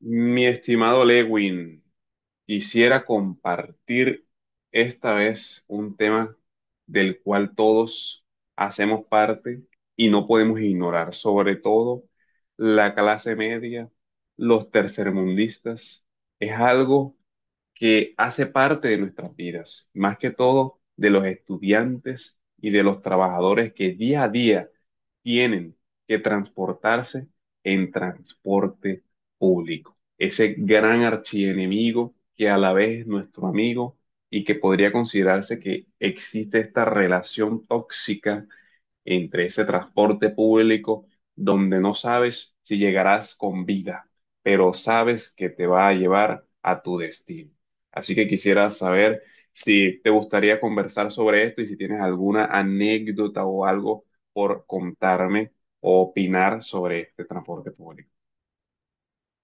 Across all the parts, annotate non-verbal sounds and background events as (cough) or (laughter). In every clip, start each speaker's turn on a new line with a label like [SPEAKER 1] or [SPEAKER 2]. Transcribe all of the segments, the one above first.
[SPEAKER 1] Mi estimado Lewin, quisiera compartir esta vez un tema del cual todos hacemos parte y no podemos ignorar, sobre todo la clase media, los tercermundistas. Es algo que hace parte de nuestras vidas, más que todo de los estudiantes y de los trabajadores que día a día tienen que transportarse en transporte público. Ese gran archienemigo que a la vez es nuestro amigo y que podría considerarse que existe esta relación tóxica entre ese transporte público donde no sabes si llegarás con vida, pero sabes que te va a llevar a tu destino. Así que quisiera saber si te gustaría conversar sobre esto y si tienes alguna anécdota o algo por contarme o opinar sobre este transporte público.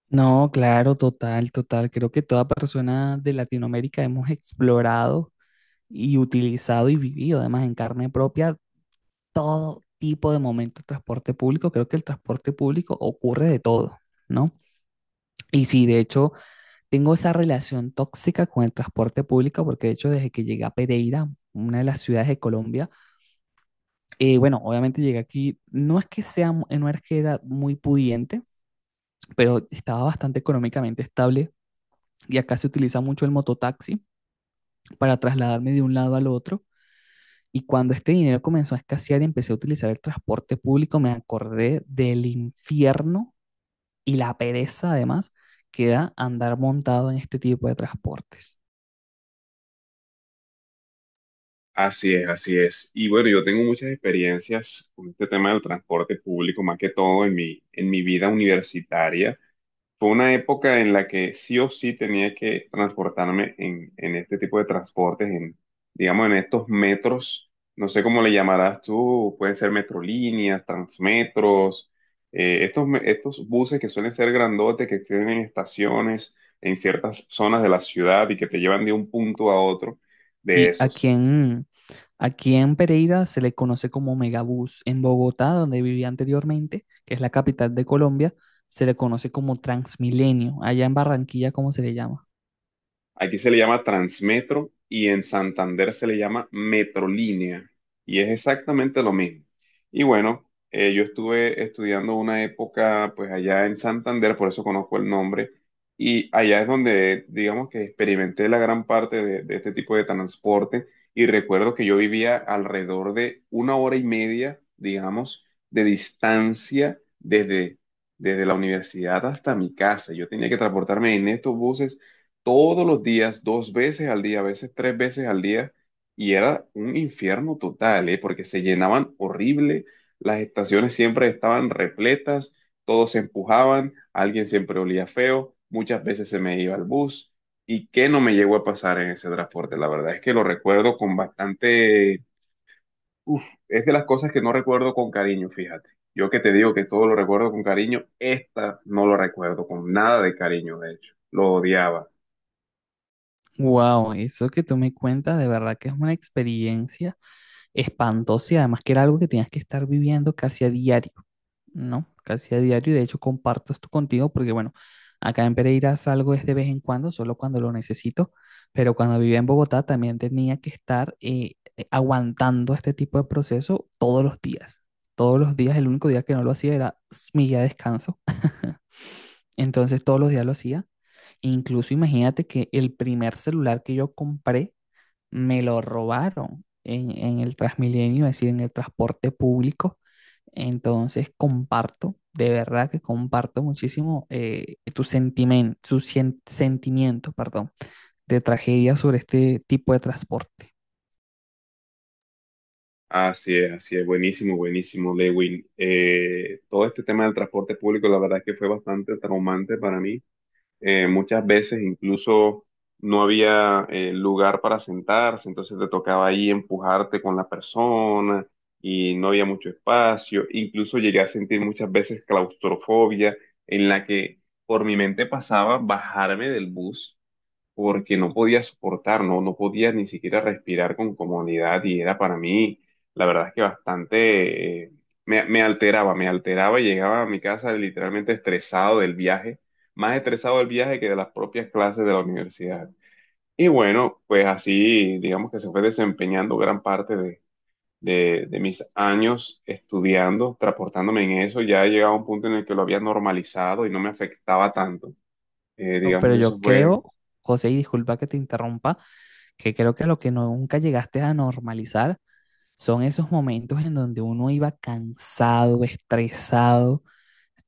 [SPEAKER 2] No, claro, total, total. Creo que toda persona de Latinoamérica hemos explorado y utilizado y vivido, además en carne propia, todo tipo de momento de transporte público. Creo que el transporte público ocurre de todo, ¿no? Y sí, de hecho, tengo esa relación tóxica con el transporte público, porque de hecho, desde que llegué a Pereira, una de las ciudades de Colombia, bueno, obviamente llegué aquí, no es que sea, no es que era muy pudiente, pero estaba bastante económicamente estable. Y acá se utiliza mucho el mototaxi, para trasladarme de un lado al otro. Y cuando este dinero comenzó a escasear y empecé a utilizar el transporte público, me acordé del infierno y la pereza además que da andar montado en este tipo de transportes.
[SPEAKER 1] Así es, así es. Y bueno, yo tengo muchas experiencias con este tema del transporte público, más que todo en mi vida universitaria. Fue una época en la que sí o sí tenía que transportarme en este tipo de transportes, en, digamos, en estos metros, no sé cómo le llamarás tú, pueden ser metrolíneas, transmetros, estos, estos buses que suelen ser grandotes, que tienen estaciones en ciertas zonas de la ciudad y que te llevan de un punto a otro de
[SPEAKER 2] Sí,
[SPEAKER 1] esos.
[SPEAKER 2] aquí en Pereira se le conoce como Megabús. En Bogotá, donde vivía anteriormente, que es la capital de Colombia, se le conoce como Transmilenio. Allá en Barranquilla, ¿cómo se le llama?
[SPEAKER 1] Aquí se le llama Transmetro y en Santander se le llama Metrolínea. Y es exactamente lo mismo. Y bueno, yo estuve estudiando una época pues allá en Santander, por eso conozco el nombre. Y allá es donde, digamos que experimenté la gran parte de este tipo de transporte. Y recuerdo que yo vivía alrededor de una hora y media, digamos, de distancia desde la universidad hasta mi casa. Yo tenía que transportarme en estos buses todos los días, dos veces al día, a veces tres veces al día, y era un infierno total, ¿eh? Porque se llenaban horrible, las estaciones siempre estaban repletas, todos se empujaban, alguien siempre olía feo, muchas veces se me iba el bus, y qué no me llegó a pasar en ese transporte, la verdad es que lo recuerdo con bastante, uf, es de las cosas que no recuerdo con cariño, fíjate. Yo que te digo que todo lo recuerdo con cariño, esta no lo recuerdo con nada de cariño, de hecho, lo odiaba.
[SPEAKER 2] Wow, eso que tú me cuentas de verdad que es una experiencia espantoso y además que era algo que tenías que estar viviendo casi a diario, ¿no? Casi a diario y de hecho comparto esto contigo porque bueno, acá en Pereira salgo es de vez en cuando, solo cuando lo necesito, pero cuando vivía en Bogotá también tenía que estar aguantando este tipo de proceso todos los días. Todos los días, el único día que no lo hacía era mi día de descanso. (laughs) Entonces todos los días lo hacía. Incluso imagínate que el primer celular que yo compré me lo robaron en el Transmilenio, es decir, en el transporte público. Entonces comparto, de verdad que comparto muchísimo tu sentimiento, sentimiento, perdón, de tragedia sobre este tipo de transporte.
[SPEAKER 1] Así es, buenísimo, buenísimo, Lewin. Todo este tema del transporte público, la verdad es que fue bastante traumante para mí. Muchas veces incluso no había lugar para sentarse, entonces te tocaba ahí empujarte con la persona y no había mucho espacio. Incluso llegué a sentir muchas veces claustrofobia en la que por mi mente pasaba bajarme del bus porque no podía soportar, no, no podía ni siquiera respirar con comodidad y era para mí, la verdad es que bastante, me alteraba y llegaba a mi casa literalmente estresado del viaje, más estresado del viaje que de las propias clases de la universidad. Y bueno, pues así, digamos que se fue desempeñando gran parte de... de mis años estudiando, transportándome en eso, ya llegaba a un punto en el que lo había normalizado y no me afectaba tanto.
[SPEAKER 2] No,
[SPEAKER 1] Digamos
[SPEAKER 2] pero
[SPEAKER 1] que
[SPEAKER 2] yo
[SPEAKER 1] eso fue
[SPEAKER 2] creo, José, y disculpa que te interrumpa, que creo que lo que nunca llegaste a normalizar son esos momentos en donde uno iba cansado, estresado,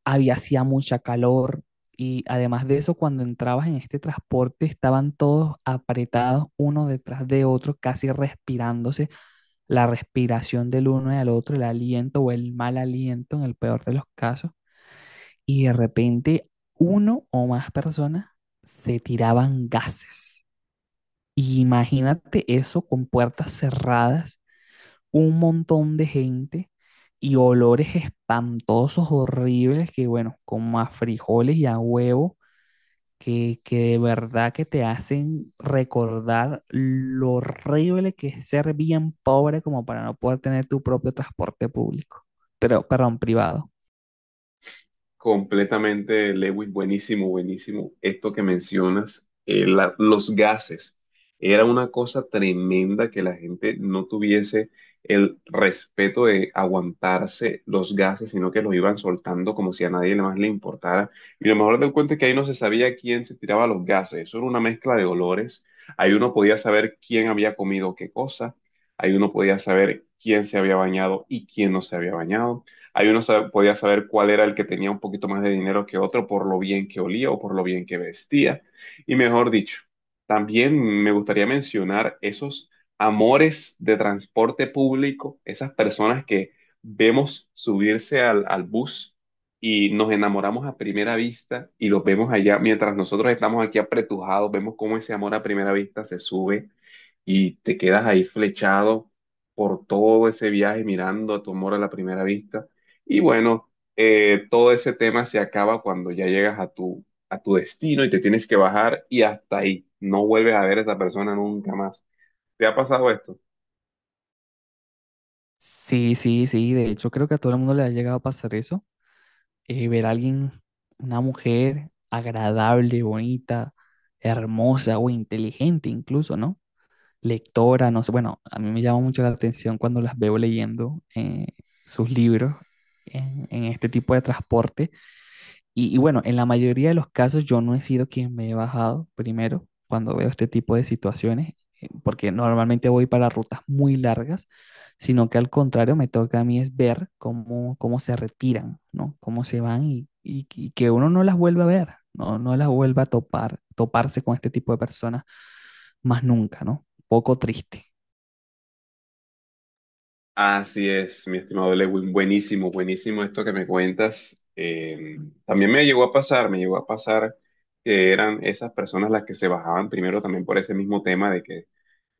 [SPEAKER 2] había hacía mucha calor y además de eso, cuando entrabas en este transporte estaban todos apretados uno detrás de otro, casi respirándose la respiración del uno y al otro, el aliento o el mal aliento en el peor de los casos, y de repente uno o más personas se tiraban gases. Y imagínate eso con puertas cerradas, un montón de gente y olores espantosos, horribles, que bueno, como a frijoles y a huevo, que de verdad que te hacen recordar lo horrible que es ser bien pobre como para no poder tener tu propio transporte público, pero, perdón, privado.
[SPEAKER 1] completamente, Lewis, buenísimo, buenísimo. Esto que mencionas, los gases, era una cosa tremenda que la gente no tuviese el respeto de aguantarse los gases, sino que los iban soltando como si a nadie más le importara. Y lo mejor del cuento es que ahí no se sabía quién se tiraba los gases, eso era una mezcla de olores. Ahí uno podía saber quién había comido qué cosa, ahí uno podía saber quién se había bañado y quién no se había bañado, ahí uno podía saber cuál era el que tenía un poquito más de dinero que otro por lo bien que olía o por lo bien que vestía. Y mejor dicho, también me gustaría mencionar esos amores de transporte público, esas personas que vemos subirse al bus y nos enamoramos a primera vista y los vemos allá mientras nosotros estamos aquí apretujados, vemos cómo ese amor a primera vista se sube y te quedas ahí flechado por todo ese viaje mirando a tu amor a la primera vista. Y bueno, todo ese tema se acaba cuando ya llegas a a tu destino y te tienes que bajar y hasta ahí. No vuelves a ver a esa persona nunca más. ¿Te ha pasado esto?
[SPEAKER 2] Sí, sí, sí, de hecho creo que a todo el mundo le ha llegado a pasar eso, ver a alguien, una mujer agradable, bonita, hermosa o inteligente incluso, ¿no? Lectora, no sé, bueno, a mí me llama mucho la atención cuando las veo leyendo sus libros este tipo de transporte. Y, y bueno, en la mayoría de los casos yo no he sido quien me he bajado primero cuando veo este tipo de situaciones, porque normalmente voy para rutas muy largas, sino que al contrario me toca a mí es ver cómo, cómo se retiran, ¿no? Cómo se van y que uno no las vuelva a ver, ¿no? No las vuelva a topar, toparse con este tipo de personas más nunca, ¿no? Poco triste.
[SPEAKER 1] Así es, mi estimado Lewin, buenísimo, buenísimo esto que me cuentas. También me llegó a pasar, me llegó a pasar que eran esas personas las que se bajaban primero también por ese mismo tema de que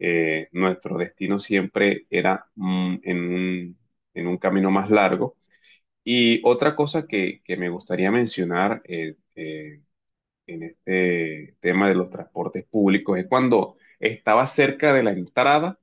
[SPEAKER 1] nuestro destino siempre era en un camino más largo. Y otra cosa que me gustaría mencionar en este tema de los transportes públicos es cuando estaba cerca de la entrada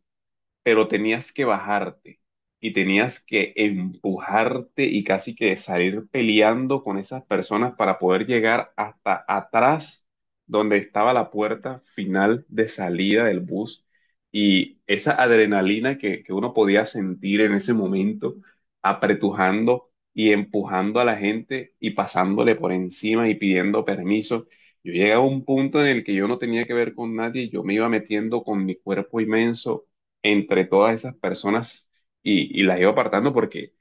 [SPEAKER 1] pero tenías que bajarte y tenías que empujarte y casi que salir peleando con esas personas para poder llegar hasta atrás donde estaba la puerta final de salida del bus. Y esa adrenalina que uno podía sentir en ese momento, apretujando y empujando a la gente y pasándole por encima y pidiendo permiso. Yo llegué a un punto en el que yo no tenía que ver con nadie, yo me iba metiendo con mi cuerpo inmenso entre todas esas personas y las iba apartando porque,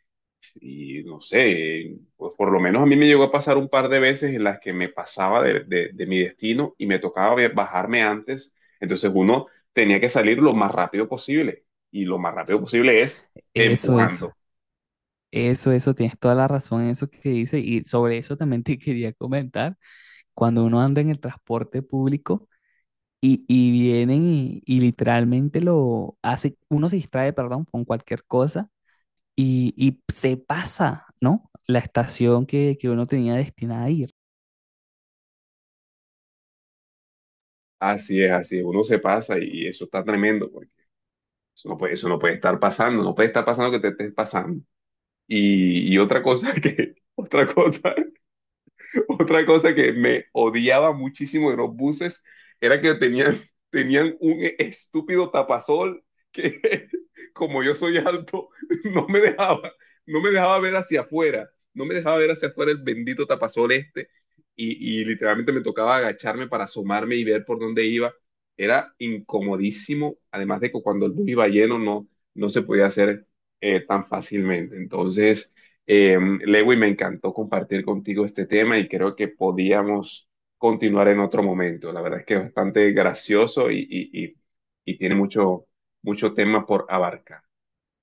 [SPEAKER 1] y no sé, pues por lo menos a mí me llegó a pasar un par de veces en las que me pasaba de mi destino y me tocaba bajarme antes, entonces uno tenía que salir lo más rápido posible y lo más rápido posible es
[SPEAKER 2] Eso, eso,
[SPEAKER 1] empujando.
[SPEAKER 2] eso, tienes toda la razón en eso que dices y sobre eso también te (laughs) quería comentar, cuando uno anda en el transporte público y vienen y literalmente lo hace, uno se distrae, perdón, con cualquier cosa y se pasa, ¿no? La estación que uno tenía destinada a ir.
[SPEAKER 1] Así es, uno se pasa y eso está tremendo porque eso no puede estar pasando, no puede estar pasando que te estés pasando. Y otra cosa que, (laughs) otra cosa (laughs) otra cosa que me odiaba muchísimo de los buses era que tenían, tenían un estúpido tapasol que, (laughs) como yo soy alto, (laughs) no me dejaba, no me dejaba ver hacia afuera, no me dejaba ver hacia afuera el bendito tapasol este. Y literalmente me tocaba agacharme para asomarme y ver por dónde iba. Era incomodísimo, además de que cuando el bus iba lleno no, no se podía hacer tan fácilmente. Entonces... Eh, Lewy, me encantó compartir contigo este tema y creo que podíamos continuar en otro momento. La verdad es que es bastante gracioso y tiene mucho, mucho tema por abarcar.